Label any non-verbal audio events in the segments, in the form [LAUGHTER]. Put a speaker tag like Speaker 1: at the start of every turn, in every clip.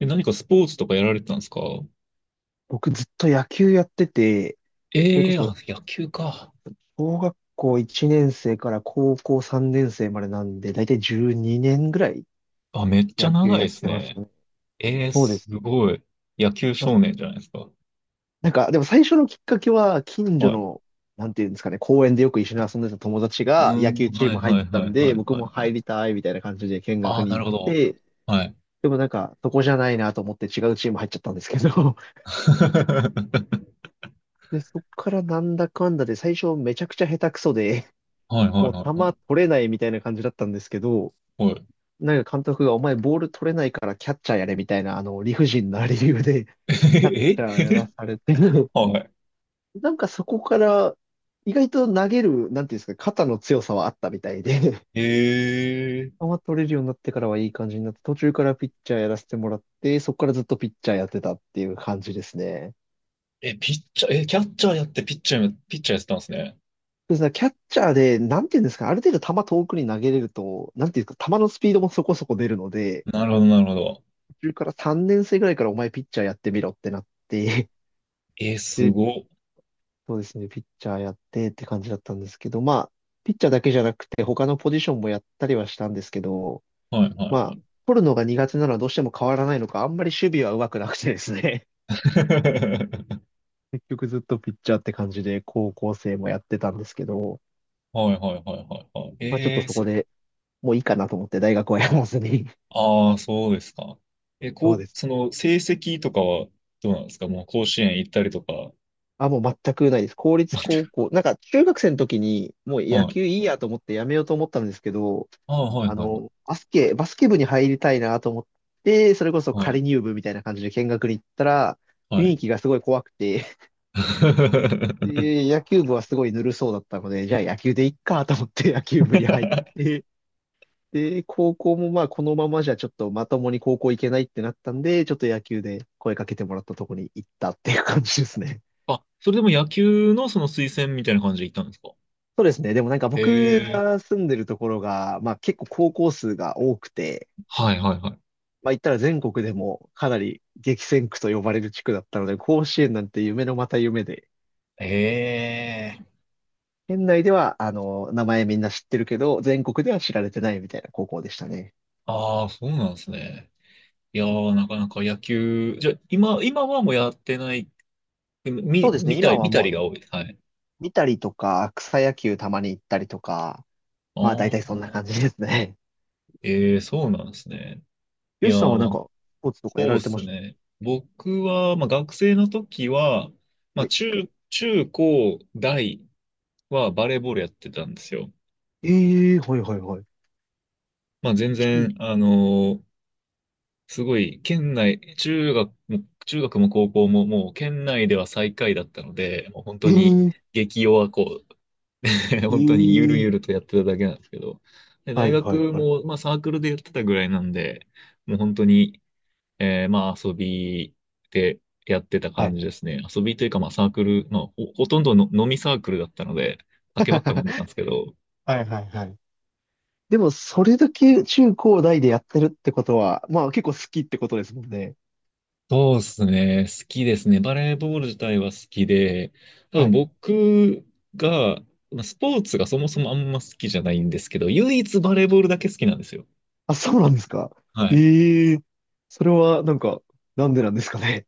Speaker 1: え、何かスポーツとかやられてたんですか？
Speaker 2: 僕ずっと野球やってて、それこ
Speaker 1: ええー、あ、
Speaker 2: そ
Speaker 1: 野球か。
Speaker 2: 小学校1年生から高校3年生までなんで、だいたい12年ぐらい
Speaker 1: あ、めっちゃ
Speaker 2: 野球
Speaker 1: 長い
Speaker 2: や
Speaker 1: で
Speaker 2: っ
Speaker 1: す
Speaker 2: てました
Speaker 1: ね。
Speaker 2: ね。
Speaker 1: ええー、
Speaker 2: そうで
Speaker 1: す
Speaker 2: す。
Speaker 1: ごい。野球
Speaker 2: まあ、
Speaker 1: 少年じゃないですか。
Speaker 2: なんか、でも最初のきっかけは近所
Speaker 1: はい。
Speaker 2: の、なんていうんですかね、公園でよく一緒に遊んでた友達
Speaker 1: う
Speaker 2: が
Speaker 1: ー
Speaker 2: 野球
Speaker 1: ん、
Speaker 2: チー
Speaker 1: はい
Speaker 2: ム入っ
Speaker 1: はい
Speaker 2: た
Speaker 1: は
Speaker 2: ん
Speaker 1: いは
Speaker 2: で、
Speaker 1: い
Speaker 2: 僕
Speaker 1: は
Speaker 2: も
Speaker 1: いは
Speaker 2: 入
Speaker 1: い。
Speaker 2: りたいみたいな感じで見
Speaker 1: あ
Speaker 2: 学
Speaker 1: あ、
Speaker 2: に
Speaker 1: なる
Speaker 2: 行っ
Speaker 1: ほど。
Speaker 2: て、
Speaker 1: はい。
Speaker 2: でもなんか、そこじゃないなと思って違うチーム入っちゃったんですけど、
Speaker 1: [LAUGHS] は
Speaker 2: [LAUGHS] で、そっからなんだかんだで最初めちゃくちゃ下手くそで、
Speaker 1: いはいはい
Speaker 2: もう
Speaker 1: は
Speaker 2: 球
Speaker 1: い。
Speaker 2: 取れないみたいな感じだったんですけど、
Speaker 1: はい。
Speaker 2: なんか監督がお前ボール取れないからキャッチャーやれみたいな、あの、理不尽な理由で、[LAUGHS] キャッチャー
Speaker 1: え
Speaker 2: やらされて、[LAUGHS]
Speaker 1: は
Speaker 2: なんかそこから意外と投げる、なんていうんですか、肩の強さはあったみたいで、[LAUGHS]
Speaker 1: い。
Speaker 2: 球取れるようになってからはいい感じになって、途中からピッチャーやらせてもらって、そこからずっとピッチャーやってたっていう感じですね。
Speaker 1: え、ピッチャー、え、キャッチャーやってピッチャーやってたんですね。
Speaker 2: そうですね、キャッチャーで、なんていうんですか、ある程度球遠くに投げれると、なんていうんですか、球のスピードもそこそこ出るので、
Speaker 1: なるほどなるほど。
Speaker 2: 中から3年生ぐらいからお前ピッチャーやってみろってなって [LAUGHS]
Speaker 1: す
Speaker 2: で、
Speaker 1: ごっ。
Speaker 2: そうですね、ピッチャーやってって感じだったんですけど、まあ、ピッチャーだけじゃなくて他のポジションもやったりはしたんですけど、
Speaker 1: はいは
Speaker 2: ま
Speaker 1: いは
Speaker 2: あ、
Speaker 1: い。
Speaker 2: 取るのが苦手なのはどうしても変わらないのか、あんまり守備は上手くなくてですね。
Speaker 1: [LAUGHS]
Speaker 2: [LAUGHS] 結局ずっとピッチャーって感じで高校生もやってたんですけど、
Speaker 1: はいはいはいはいはい。
Speaker 2: まあちょっとそこでもういいかなと思って大学はやらずに。
Speaker 1: ああ、そうですか。え、
Speaker 2: [LAUGHS] そ
Speaker 1: こ
Speaker 2: う
Speaker 1: う、
Speaker 2: です
Speaker 1: そ
Speaker 2: ね。
Speaker 1: の成績とかはどうなんですか？もう甲子園行ったりとか？
Speaker 2: あ、もう全くないです。公
Speaker 1: [LAUGHS]
Speaker 2: 立
Speaker 1: 全
Speaker 2: 高
Speaker 1: く。
Speaker 2: 校。なんか中学生の時にもう野
Speaker 1: はい。
Speaker 2: 球いいやと思ってやめようと思ったんですけど、
Speaker 1: ああ、はい、
Speaker 2: あ
Speaker 1: はい、はい。
Speaker 2: の、バスケ部に入りたいなと思って、それこそ仮入部みたいな感じで見学に行ったら、
Speaker 1: はい。
Speaker 2: 雰
Speaker 1: は
Speaker 2: 囲
Speaker 1: い。
Speaker 2: 気がすごい怖くて、
Speaker 1: [LAUGHS]
Speaker 2: [LAUGHS] で、野球部はすごいぬるそうだったので、じゃあ野球でいっかと思って野球部に入って、で、高校もまあこのままじゃちょっとまともに高校行けないってなったんで、ちょっと野球で声かけてもらったとこに行ったっていう感じですね。
Speaker 1: あ、それでも野球のその推薦みたいな感じで行ったんですか？
Speaker 2: そうですね。でもなんか
Speaker 1: へ
Speaker 2: 僕
Speaker 1: え。
Speaker 2: が住んでるところが、まあ結構高校数が多くて、
Speaker 1: はい、はい、はい。
Speaker 2: まあ言ったら全国でもかなり激戦区と呼ばれる地区だったので、甲子園なんて夢のまた夢で、
Speaker 1: へえ。
Speaker 2: 県内ではあの、名前みんな知ってるけど、全国では知られてないみたいな高校でしたね。
Speaker 1: ああ、そうなんですね。いやー、なかなか野球、じゃあ、今はもうやってない、
Speaker 2: そうですね。
Speaker 1: 見た
Speaker 2: 今
Speaker 1: り、
Speaker 2: は
Speaker 1: 見た
Speaker 2: もうあ
Speaker 1: りが
Speaker 2: の、
Speaker 1: 多い。はい。
Speaker 2: 見たりとか、草野球たまに行ったりとか、
Speaker 1: あ
Speaker 2: まあ大体
Speaker 1: あ、
Speaker 2: そんな感じですね。
Speaker 1: ええ、そうなんですね。い
Speaker 2: よ
Speaker 1: や
Speaker 2: しさん
Speaker 1: ー、
Speaker 2: はなん
Speaker 1: なんか
Speaker 2: か、スポーツとかやら
Speaker 1: そう
Speaker 2: れ
Speaker 1: で
Speaker 2: てま
Speaker 1: す
Speaker 2: し
Speaker 1: ね。僕は、まあ、学生の時は、ま
Speaker 2: た？
Speaker 1: あ、
Speaker 2: はい。
Speaker 1: 中高大はバレーボールやってたんですよ。
Speaker 2: ええ、はいはいはい。
Speaker 1: まあ、全然、
Speaker 2: 中、
Speaker 1: ーすごい、県内、中学も高校ももう県内では最下位だったので、もう本当に
Speaker 2: ええ
Speaker 1: 激弱こう、[LAUGHS]
Speaker 2: え
Speaker 1: 本当にゆる
Speaker 2: え、
Speaker 1: ゆるとやってただけなんですけど、で、
Speaker 2: は
Speaker 1: 大
Speaker 2: いはい
Speaker 1: 学
Speaker 2: はい。
Speaker 1: も、まあ、サークルでやってたぐらいなんで、もう本当に、まあ遊びでやってた
Speaker 2: はい。
Speaker 1: 感じですね。遊びというかまあサークル、まあほとんどの飲みサークルだったので、酒ばっか飲んでたん
Speaker 2: [LAUGHS]
Speaker 1: ですけど、
Speaker 2: はいはいはい。でも、それだけ中高大でやってるってことは、まあ結構好きってことですもんね。
Speaker 1: そうですね。好きですね。バレーボール自体は好きで、多
Speaker 2: は
Speaker 1: 分
Speaker 2: い。
Speaker 1: 僕が、まあスポーツがそもそもあんま好きじゃないんですけど、唯一バレーボールだけ好きなんですよ。
Speaker 2: あ、そうなんですか。
Speaker 1: はい。
Speaker 2: ええ、それはなんか、なんでなんですかね。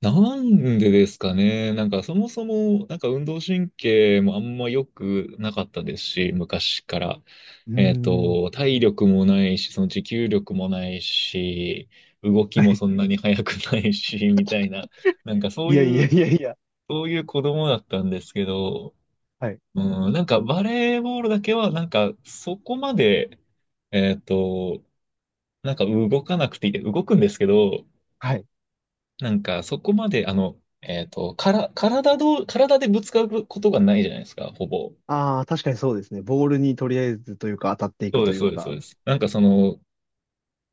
Speaker 1: なんでですかね。なんかそもそも、なんか運動神経もあんま良くなかったですし、昔から。
Speaker 2: うーん。
Speaker 1: 体力もないし、その持久力もないし、動き
Speaker 2: は
Speaker 1: も
Speaker 2: い。
Speaker 1: そんなに速くないし、[LAUGHS] みたいな。なんか
Speaker 2: いやいやいやいや。
Speaker 1: そういう子供だったんですけど、
Speaker 2: はい。
Speaker 1: うん、なんかバレーボールだけは、なんかそこまで、えっと、なんか動かなくていい、動くんですけど、
Speaker 2: はい。
Speaker 1: なんか、そこまで、あの、えっと、から、体どう、体でぶつかることがないじゃないですか、ほぼ。
Speaker 2: ああ、確かにそうですね。ボールにとりあえずというか当たってい
Speaker 1: そ
Speaker 2: く
Speaker 1: うで
Speaker 2: と
Speaker 1: す、
Speaker 2: いう
Speaker 1: そうです、そう
Speaker 2: か。
Speaker 1: です。なんかその、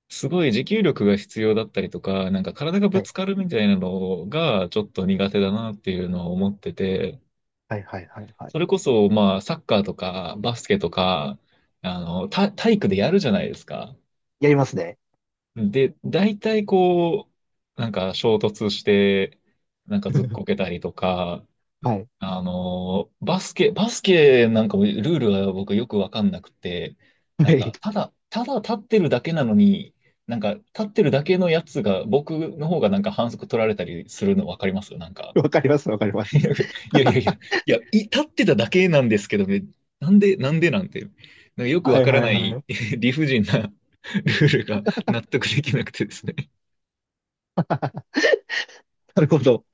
Speaker 1: すごい持久力が必要だったりとか、なんか体が
Speaker 2: は
Speaker 1: ぶ
Speaker 2: い。
Speaker 1: つかるみたいなのがちょっと苦手だなっていうのを思ってて、
Speaker 2: はいはいはいはい。
Speaker 1: それこそ、まあ、サッカーとか、バスケとか、体育でやるじゃないですか。
Speaker 2: やりますね。
Speaker 1: で、大体こう、なんか衝突して、なんかずっこけ
Speaker 2: [LAUGHS]
Speaker 1: たりとか、
Speaker 2: はい。
Speaker 1: バスケなんかもルールは僕よくわかんなくて、
Speaker 2: は
Speaker 1: なん
Speaker 2: い。
Speaker 1: か、ただ、ただ立ってるだけなのに、なんか、立ってるだけのやつが、僕の方がなんか反則取られたりするのわかりますなんか、
Speaker 2: わかります、わかります。[LAUGHS]
Speaker 1: いやいやいや、いや、立ってただけなんですけどね、なんでなんて、なんかよく
Speaker 2: は
Speaker 1: わ
Speaker 2: い
Speaker 1: から
Speaker 2: はい
Speaker 1: な
Speaker 2: は
Speaker 1: い
Speaker 2: い。
Speaker 1: [LAUGHS] 理不尽な [LAUGHS] ルールが納得できなくてですね。
Speaker 2: なるほど。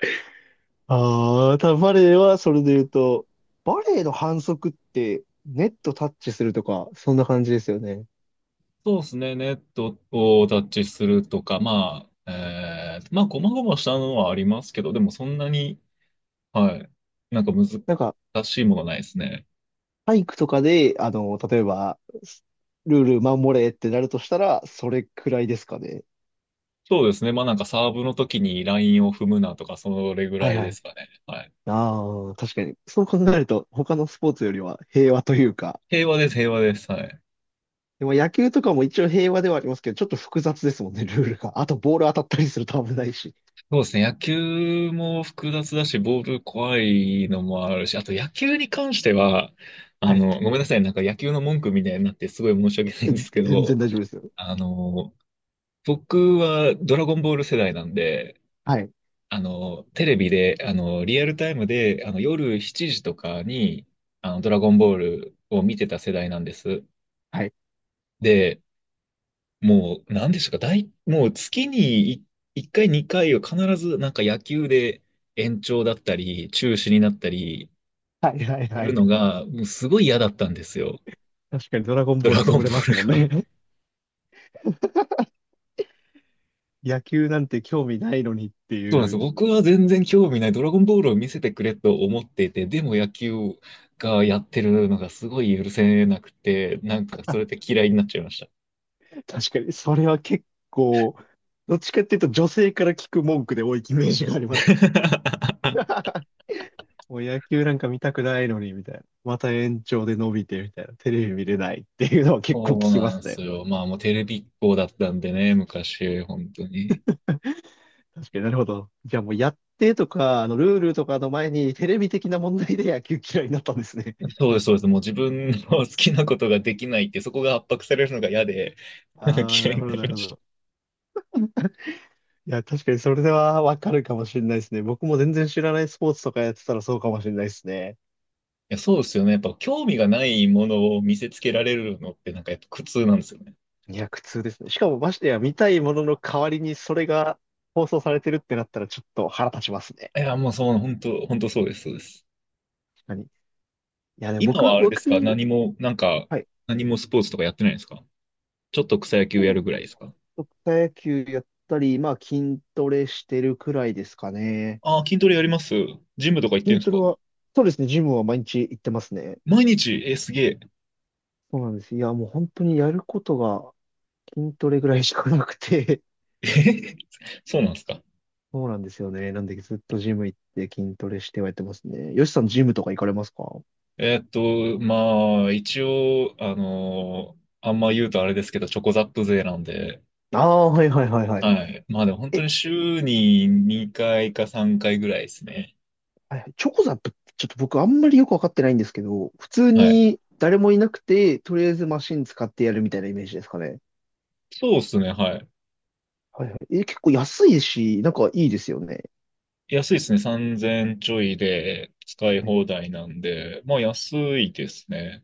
Speaker 2: ああ、ただバレエはそれで言うと、バレエの反則ってネットタッチするとか、そんな感じですよね。
Speaker 1: そうですね。ネットをタッチするとか、まあ、まあ、ごまごましたのはありますけど、でもそんなに、はい、なんか
Speaker 2: なんか、
Speaker 1: 難しいものないですね。
Speaker 2: 体育とかで、あの、例えば、ルール守れってなるとしたら、それくらいですかね。
Speaker 1: そうですね。まあ、なんかサーブの時にラインを踏むなとか、それぐ
Speaker 2: は
Speaker 1: ら
Speaker 2: い
Speaker 1: い
Speaker 2: は
Speaker 1: で
Speaker 2: い。
Speaker 1: すかね。はい。
Speaker 2: ああ、確かに。そう考えると、他のスポーツよりは平和というか、
Speaker 1: 平和です、平和です。はい。
Speaker 2: でも野球とかも一応平和ではありますけど、ちょっと複雑ですもんね、ルールが。あと、ボール当たったりすると危ないし。
Speaker 1: そうですね。野球も複雑だし、ボール怖いのもあるし、あと野球に関しては、
Speaker 2: はい。
Speaker 1: ごめんなさい。なんか野球の文句みたいになってすごい申し訳ないん
Speaker 2: え、
Speaker 1: ですけ
Speaker 2: 全
Speaker 1: ど、
Speaker 2: 然大丈夫ですよ。
Speaker 1: あの、僕はドラゴンボール世代なんで、
Speaker 2: はい。
Speaker 1: テレビで、リアルタイムで、夜7時とかに、ドラゴンボールを見てた世代なんです。
Speaker 2: はい。
Speaker 1: で、もう、なんでしょうか、もう月に1回、2回は必ず、なんか野球で延長だったり、中止になったり
Speaker 2: はいはい
Speaker 1: す
Speaker 2: は
Speaker 1: る
Speaker 2: い。
Speaker 1: のが、もうすごい嫌だったんですよ。
Speaker 2: 確かにドラゴン
Speaker 1: ド
Speaker 2: ボール
Speaker 1: ラゴ
Speaker 2: 潰
Speaker 1: ンボ
Speaker 2: れますも
Speaker 1: ー
Speaker 2: ん
Speaker 1: ルが。
Speaker 2: ね。[LAUGHS] 野球なんて興味ないのにって
Speaker 1: そうなんで
Speaker 2: い
Speaker 1: すよ。
Speaker 2: う。
Speaker 1: 僕は全然興味ない。ドラゴンボールを見せてくれと思っていて、でも野球がやってるのがすごい許せなくて、なんかそれで嫌いになっちゃいました。
Speaker 2: 確かに、それは結構、どっちかっていうと女性から聞く文句で多いイメージがあります。
Speaker 1: [LAUGHS]
Speaker 2: [LAUGHS] もう野球なんか見たくないのに、みたいな。また延長で伸びて、みたいな。テレビ見れないっていうのは結構聞
Speaker 1: そう
Speaker 2: きま
Speaker 1: なんで
Speaker 2: す
Speaker 1: す
Speaker 2: ね。
Speaker 1: よ。まあもうテレビっ子だったんでね、昔、本当に。
Speaker 2: 確かになるほど。じゃあもうやってとか、あの、ルールとかの前にテレビ的な問題で野球嫌いになったんですね。
Speaker 1: そうです、そうです。もう自分の好きなことができないって、そこが圧迫されるのが嫌で、[LAUGHS] なんか
Speaker 2: ああ、な
Speaker 1: 嫌い
Speaker 2: る
Speaker 1: に
Speaker 2: ほど、
Speaker 1: な
Speaker 2: な
Speaker 1: り
Speaker 2: る
Speaker 1: ま
Speaker 2: ほ
Speaker 1: した。
Speaker 2: ど。
Speaker 1: い
Speaker 2: いや、確かにそれではわかるかもしれないですね。僕も全然知らないスポーツとかやってたらそうかもしれないですね。
Speaker 1: や、そうですよね。やっぱ興味がないものを見せつけられるのって、なんかやっぱ苦痛なんですよね。
Speaker 2: いや、苦痛ですね。しかもましてや見たいものの代わりにそれが放送されてるってなったらちょっと腹立ちますね。
Speaker 1: いや、もうそう、本当、本当そうです、そうです。
Speaker 2: 確かに。いや、ね、
Speaker 1: 今
Speaker 2: 僕、
Speaker 1: はあれですか？
Speaker 2: 僕、
Speaker 1: 何も、なんか、
Speaker 2: はい。
Speaker 1: 何もスポーツとかやってないですか？ちょっと草野
Speaker 2: ス
Speaker 1: 球や
Speaker 2: ポー
Speaker 1: る
Speaker 2: ツ、
Speaker 1: ぐらいですか？
Speaker 2: 草野球やったり、まあ筋トレしてるくらいですかね。
Speaker 1: ああー、筋トレやります。ジムとか行ってるん
Speaker 2: 筋
Speaker 1: です
Speaker 2: ト
Speaker 1: か？
Speaker 2: レは、そうですね、ジムは毎日行ってますね。
Speaker 1: 毎日すげえ。
Speaker 2: そうなんです。いや、もう本当にやることが筋トレぐらいしかなくて、
Speaker 1: えー [LAUGHS] そうなんですか？
Speaker 2: そうなんですよね。なんでずっとジム行って筋トレしてはやってますね。よしさんジムとか行かれますか？
Speaker 1: まあ、一応、あんま言うとあれですけど、チョコザップ勢なんで、
Speaker 2: ああー、はいはいはいはい。
Speaker 1: はい。まあでも本当
Speaker 2: え、
Speaker 1: に週に2回か3回ぐらいですね。
Speaker 2: はいはい、チョコザップってちょっと僕あんまりよくわかってないんですけど、普通
Speaker 1: はい。
Speaker 2: に誰もいなくて、とりあえずマシン使ってやるみたいなイメージですかね。
Speaker 1: そうですね、はい。
Speaker 2: はいはい。え、結構安いし、なんかいいですよね。
Speaker 1: 安いですね。3,000ちょいで使い
Speaker 2: はい。
Speaker 1: 放題なんで、まあ安いですね。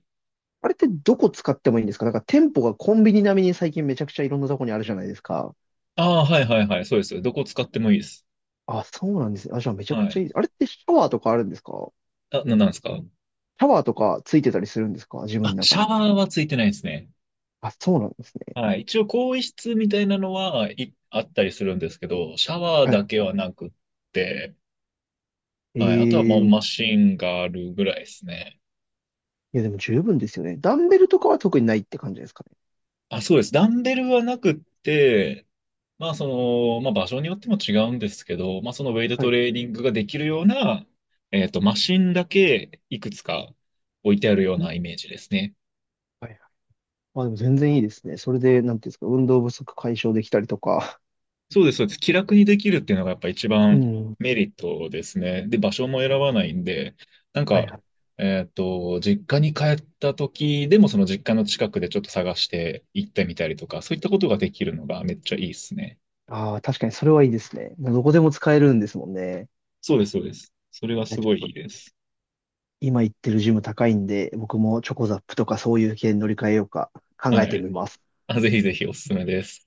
Speaker 2: あれってどこ使ってもいいんですか？なんか店舗がコンビニ並みに最近めちゃくちゃいろんなとこにあるじゃないですか。
Speaker 1: ああ、はいはいはい、そうです。どこ使ってもいいです。
Speaker 2: あ、そうなんですね。あ、じゃあめちゃ
Speaker 1: は
Speaker 2: くちゃい
Speaker 1: い。
Speaker 2: い。あれってシャワーとかあるんですか？
Speaker 1: あ、なんですか？
Speaker 2: シャワーとかついてたりするんですか、自分
Speaker 1: あ、
Speaker 2: の
Speaker 1: シ
Speaker 2: 中
Speaker 1: ャ
Speaker 2: に。
Speaker 1: ワーはついてないですね。
Speaker 2: あ、そうなんですね。
Speaker 1: はい。一応、更衣室みたいなのは、あったりするんですけど、シャワー
Speaker 2: は
Speaker 1: だ
Speaker 2: い。
Speaker 1: けはなくって、はい。あとはもう
Speaker 2: ええ、
Speaker 1: マシンがあるぐらいですね。
Speaker 2: いや、でも十分ですよね。ダンベルとかは特にないって感じですかね。
Speaker 1: あ、そうです。ダンベルはなくって、まあ、その、まあ、場所によっても違うんですけど、まあ、そのウェイト
Speaker 2: は
Speaker 1: ト
Speaker 2: い。
Speaker 1: レーニングができるような、マシンだけいくつか置いてあるよう
Speaker 2: うん、
Speaker 1: なイメージですね。
Speaker 2: はいはい。まあでも全然いいですね。それで、なんていうんですか、運動不足解消できたりとか。
Speaker 1: そうです、そうです。気楽にできるっていうのがやっぱ一
Speaker 2: う
Speaker 1: 番
Speaker 2: ん。
Speaker 1: メリットですね。で、場所も選ばないんで、なん
Speaker 2: はい
Speaker 1: か、
Speaker 2: はい。
Speaker 1: 実家に帰った時でもその実家の近くでちょっと探して行ってみたりとか、そういったことができるのがめっちゃいいですね。
Speaker 2: ああ、確かにそれはいいですね。もうどこでも使えるんですもんね。
Speaker 1: そうです、そうです。それは
Speaker 2: いや、
Speaker 1: す
Speaker 2: ち
Speaker 1: ごい
Speaker 2: ょ
Speaker 1: い
Speaker 2: っ
Speaker 1: い
Speaker 2: と、
Speaker 1: です。
Speaker 2: 今行ってるジム高いんで、僕もチョコザップとかそういう系に乗り換えようか考
Speaker 1: は
Speaker 2: えて
Speaker 1: い。
Speaker 2: みます。
Speaker 1: あ、ぜひぜひおすすめです。